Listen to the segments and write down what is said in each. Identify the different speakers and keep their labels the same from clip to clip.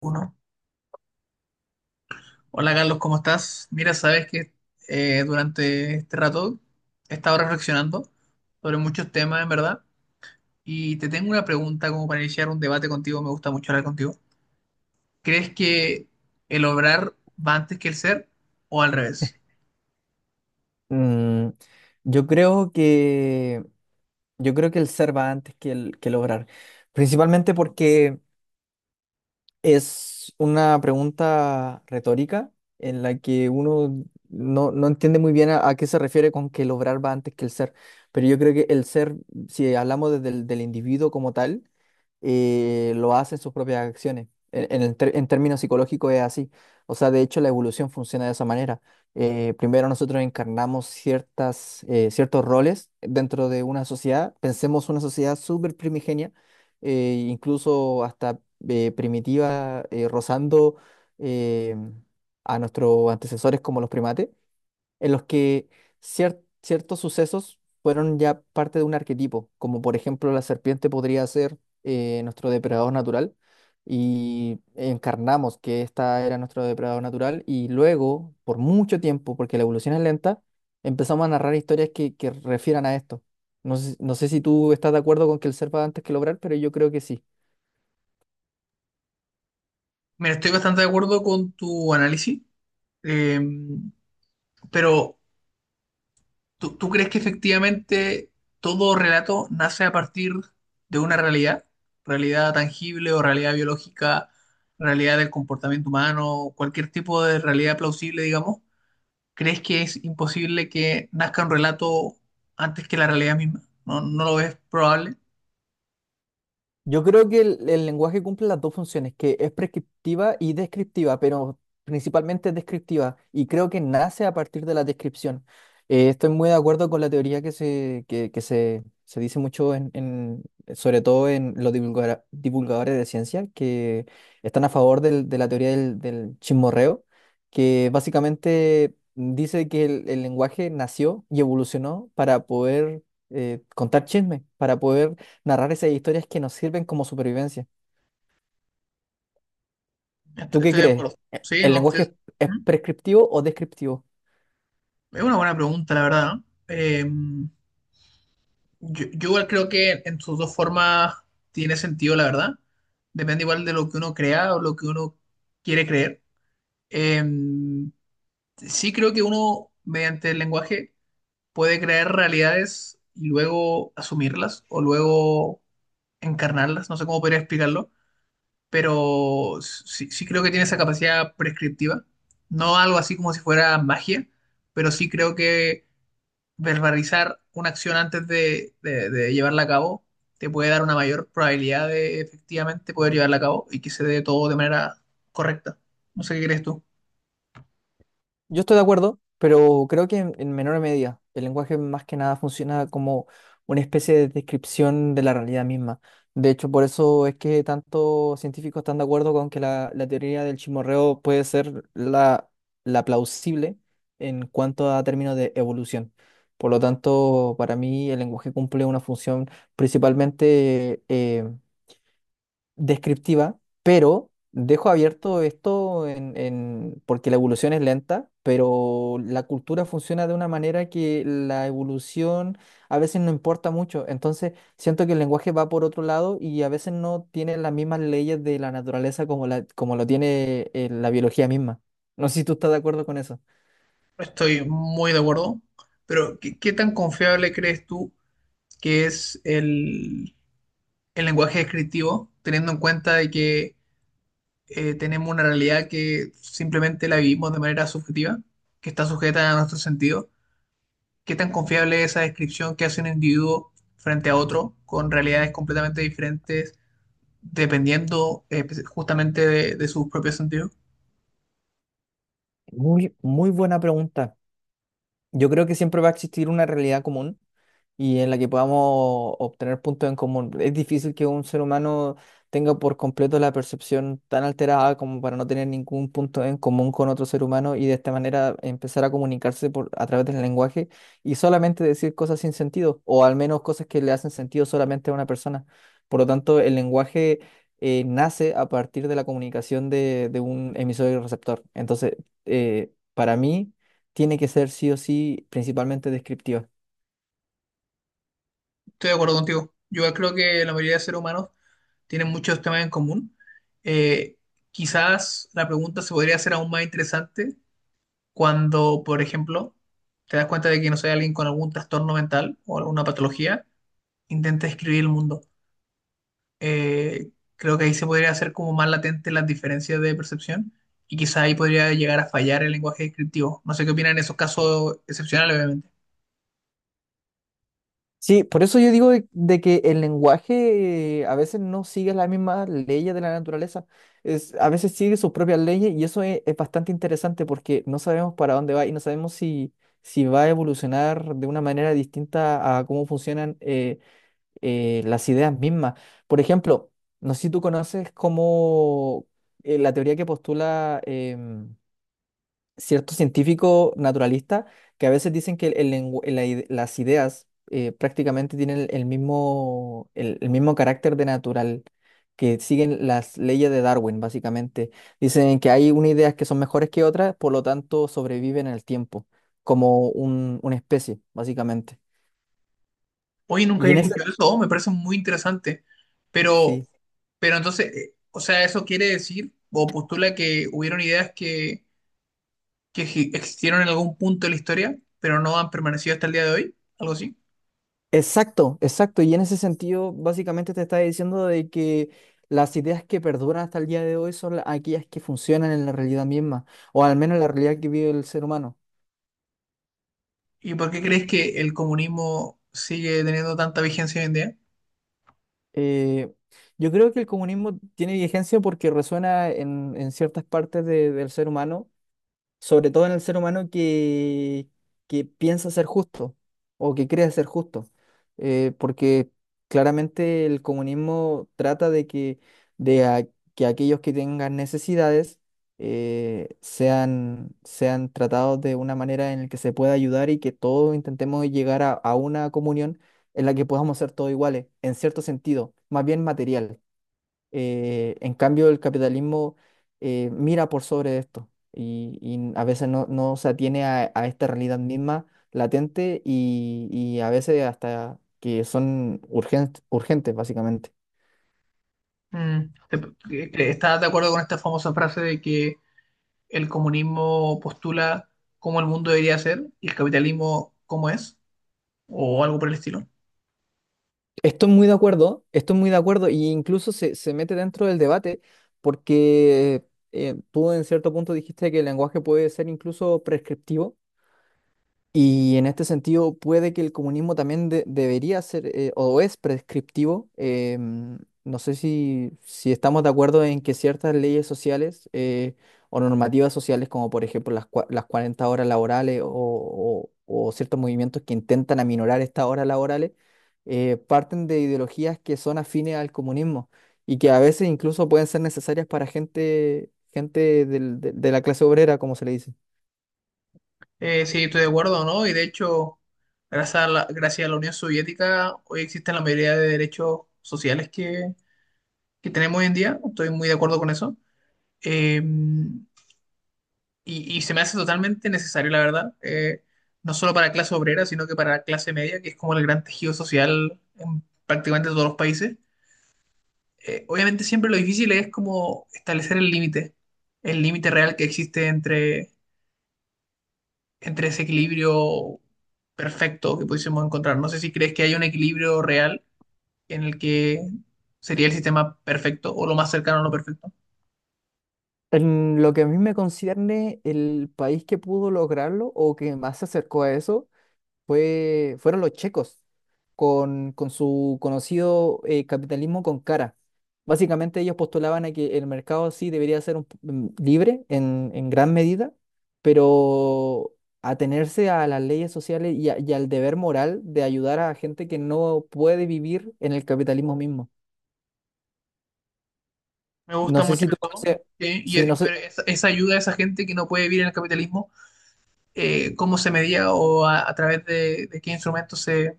Speaker 1: Uno. Hola Carlos, ¿cómo estás? Mira, sabes que durante este rato he estado reflexionando sobre muchos temas, en verdad, y te tengo una pregunta como para iniciar un debate contigo, me gusta mucho hablar contigo. ¿Crees que el obrar va antes que el ser o al revés?
Speaker 2: Mm, yo creo que yo creo que el ser va antes que el obrar, principalmente porque es una pregunta retórica en la que uno no entiende muy bien a qué se refiere con que el obrar va antes que el ser, pero yo creo que el ser, si hablamos desde del individuo como tal, lo hace en sus propias acciones. En términos psicológicos es así. O sea, de hecho, la evolución funciona de esa manera. Primero nosotros encarnamos ciertos roles dentro de una sociedad. Pensemos una sociedad súper primigenia, incluso hasta primitiva, rozando eh, a nuestros antecesores como los primates en los que ciertos sucesos fueron ya parte de un arquetipo, como por ejemplo la serpiente podría ser nuestro depredador natural y encarnamos que esta era nuestro depredador natural y luego, por mucho tiempo, porque la evolución es lenta, empezamos a narrar historias que refieran a esto. No sé si tú estás de acuerdo con que el ser va antes que lograr, pero yo creo que sí.
Speaker 1: Mira, estoy bastante de acuerdo con tu análisis, eh, pero ¿Tú crees que efectivamente todo relato nace a partir de una realidad? ¿Realidad tangible o realidad biológica, realidad del comportamiento humano, cualquier tipo de realidad plausible, digamos? ¿Crees que es imposible que nazca un relato antes que la realidad misma? ¿No, no lo ves probable?
Speaker 2: Yo creo que el lenguaje cumple las dos funciones, que es prescriptiva y descriptiva, pero principalmente es descriptiva, y creo que nace a partir de la descripción. Estoy muy de acuerdo con la teoría que se dice mucho, sobre todo en los divulgadores de ciencia, que están a favor de la teoría del chismorreo, que básicamente dice que el lenguaje nació y evolucionó para poder contar chismes, para poder narrar esas historias que nos sirven como supervivencia. ¿Tú qué
Speaker 1: Estoy de
Speaker 2: crees?
Speaker 1: acuerdo.
Speaker 2: ¿E-
Speaker 1: Sí,
Speaker 2: ¿El
Speaker 1: no,
Speaker 2: lenguaje es
Speaker 1: ¿Mm?
Speaker 2: prescriptivo o descriptivo?
Speaker 1: Es una buena pregunta, la verdad, ¿no? Yo igual creo que en sus dos formas tiene sentido, la verdad. Depende igual de lo que uno crea o lo que uno quiere creer. Eh, sí creo que uno, mediante el lenguaje, puede crear realidades y luego asumirlas o luego encarnarlas. No sé cómo podría explicarlo, pero sí, sí creo que tiene esa capacidad prescriptiva. No algo así como si fuera magia, pero sí creo que verbalizar una acción antes de llevarla a cabo te puede dar una mayor probabilidad de efectivamente poder llevarla a cabo y que se dé todo de manera correcta. No sé qué crees tú.
Speaker 2: Yo estoy de acuerdo, pero creo que en menor medida. El lenguaje más que nada funciona como una especie de descripción de la realidad misma. De hecho, por eso es que tantos científicos están de acuerdo con que la teoría del chimorreo puede ser la plausible en cuanto a términos de evolución. Por lo tanto, para mí el lenguaje cumple una función principalmente descriptiva, pero dejo abierto esto porque la evolución es lenta, pero la cultura funciona de una manera que la evolución a veces no importa mucho. Entonces, siento que el lenguaje va por otro lado y a veces no tiene las mismas leyes de la naturaleza como lo tiene la biología misma. No sé si tú estás de acuerdo con eso.
Speaker 1: Estoy muy de acuerdo, pero ¿qué tan confiable crees tú que es el lenguaje descriptivo, teniendo en cuenta de que tenemos una realidad que simplemente la vivimos de manera subjetiva, que está sujeta a nuestros sentidos? ¿Qué tan confiable es esa descripción que hace un individuo frente a otro con realidades completamente diferentes dependiendo justamente de sus propios sentidos?
Speaker 2: Muy, muy buena pregunta. Yo creo que siempre va a existir una realidad común y en la que podamos obtener puntos en común. Es difícil que un ser humano tenga por completo la percepción tan alterada como para no tener ningún punto en común con otro ser humano y de esta manera empezar a comunicarse a través del lenguaje y solamente decir cosas sin sentido o al menos cosas que le hacen sentido solamente a una persona. Por lo tanto, el lenguaje nace a partir de la comunicación de un emisor y receptor. Entonces, para mí, tiene que ser sí o sí principalmente descriptiva.
Speaker 1: Estoy de acuerdo contigo. Yo creo que la mayoría de seres humanos tienen muchos temas en común. Eh, quizás la pregunta se podría hacer aún más interesante cuando, por ejemplo, te das cuenta de que no soy alguien con algún trastorno mental o alguna patología, intenta describir el mundo. eh, creo que ahí se podría hacer como más latente las diferencias de percepción y quizá ahí podría llegar a fallar el lenguaje descriptivo. No sé qué opinan en esos casos excepcionales, obviamente.
Speaker 2: Sí, por eso yo digo de que el lenguaje a veces no sigue las mismas leyes de la naturaleza, a veces sigue sus propias leyes y eso es bastante interesante porque no sabemos para dónde va y no sabemos si va a evolucionar de una manera distinta a cómo funcionan las ideas mismas. Por ejemplo, no sé si tú conoces como la teoría que postula ciertos científicos naturalistas que a veces dicen que el lengu- la ide- las ideas prácticamente tienen el mismo, el mismo carácter de natural, que siguen las leyes de Darwin, básicamente. Dicen que hay unas ideas que son mejores que otras, por lo tanto sobreviven en el tiempo, como una especie, básicamente.
Speaker 1: Hoy nunca
Speaker 2: Y
Speaker 1: he
Speaker 2: en ese,
Speaker 1: escuchado eso, oh, me parece muy interesante, pero,
Speaker 2: sí.
Speaker 1: pero entonces, o sea, eso quiere decir o postula que hubieron ideas que, que existieron en algún punto de la historia, pero no han permanecido hasta el día de hoy, algo así.
Speaker 2: Exacto, exacto. Y en ese sentido, básicamente te está diciendo de que las ideas que perduran hasta el día de hoy son aquellas que funcionan en la realidad misma, o al menos en la realidad que vive el ser humano.
Speaker 1: ¿Y por qué crees que el comunismo sigue teniendo tanta vigencia hoy en día?
Speaker 2: Eh, yo creo que el comunismo tiene vigencia porque resuena en ciertas partes del ser humano sobre todo en el ser humano que piensa ser justo o que cree ser justo, porque claramente el comunismo trata de que aquellos que tengan necesidades sean tratados de una manera en la que se pueda ayudar y que todos intentemos llegar a una comunión en la que podamos ser todos iguales, en cierto sentido, más bien material. En cambio, el capitalismo mira por sobre esto y a veces no se atiene a esta realidad misma latente y a veces hasta que son urgentes, urgentes, básicamente.
Speaker 1: Mm, te- ¿Estás de acuerdo con esta famosa frase de que el comunismo postula cómo el mundo debería ser y el capitalismo cómo es? O algo por el estilo.
Speaker 2: Estoy muy de acuerdo, estoy muy de acuerdo y incluso se mete dentro del debate porque tú en cierto punto dijiste que el lenguaje puede ser incluso prescriptivo. Y en este sentido, puede que el comunismo también debería ser o es prescriptivo. No sé si estamos de acuerdo en que ciertas leyes sociales o normativas sociales, como por ejemplo las 40 horas laborales o ciertos movimientos que intentan aminorar estas horas laborales, parten de ideologías que son afines al comunismo y que a veces incluso pueden ser necesarias para gente de la clase obrera, como se le dice.
Speaker 1: Sí, estoy de acuerdo, ¿no? Y de hecho, gracias a la Unión Soviética, hoy existen la mayoría de derechos sociales que tenemos hoy en día. Estoy muy de acuerdo con eso. Eh, y se me hace totalmente necesario, la verdad. No solo para clase obrera, sino que para clase media, que es como el gran tejido social en prácticamente todos los países obviamente siempre lo difícil es como establecer el límite real que existe entre, entre ese equilibrio perfecto que pudiésemos encontrar. No sé si crees que hay un equilibrio real en el que sería el sistema perfecto o lo más cercano a lo perfecto.
Speaker 2: En lo que a mí me concierne, el país que pudo lograrlo o que más se acercó a eso fueron los checos, con su conocido capitalismo con cara. Básicamente ellos postulaban a que el mercado sí debería ser libre en gran medida, pero atenerse a las leyes sociales y al deber moral de ayudar a gente que no puede vivir en el capitalismo mismo.
Speaker 1: Me gusta
Speaker 2: No sé
Speaker 1: mucho
Speaker 2: si tú
Speaker 1: eso.
Speaker 2: conoces,
Speaker 1: Sí, y
Speaker 2: sí, no sé.
Speaker 1: pero esa ayuda a esa gente que no puede vivir en el capitalismo, cómo se medía o a través de qué instrumentos se,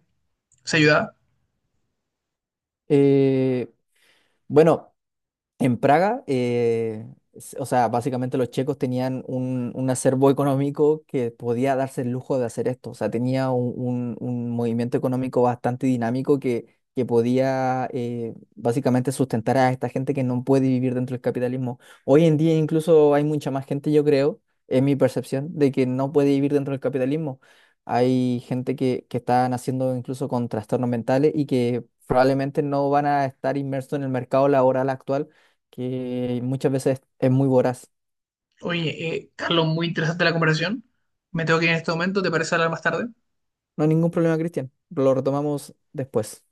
Speaker 1: se ayudaba.
Speaker 2: eh, bueno. En Praga, o sea, básicamente los checos tenían un acervo económico que podía darse el lujo de hacer esto. O sea, tenía un movimiento económico bastante dinámico que podía básicamente sustentar a esta gente que no puede vivir dentro del capitalismo. Hoy en día incluso hay mucha más gente, yo creo, es mi percepción, de que no puede vivir dentro del capitalismo. Hay gente que está naciendo incluso con trastornos mentales y que probablemente no van a estar inmersos en el mercado laboral actual que muchas veces es muy voraz.
Speaker 1: Oye, Carlos, muy interesante la conversación. Me tengo que ir en este momento, ¿te parece hablar más tarde?
Speaker 2: No hay ningún problema, Cristian. Lo retomamos después.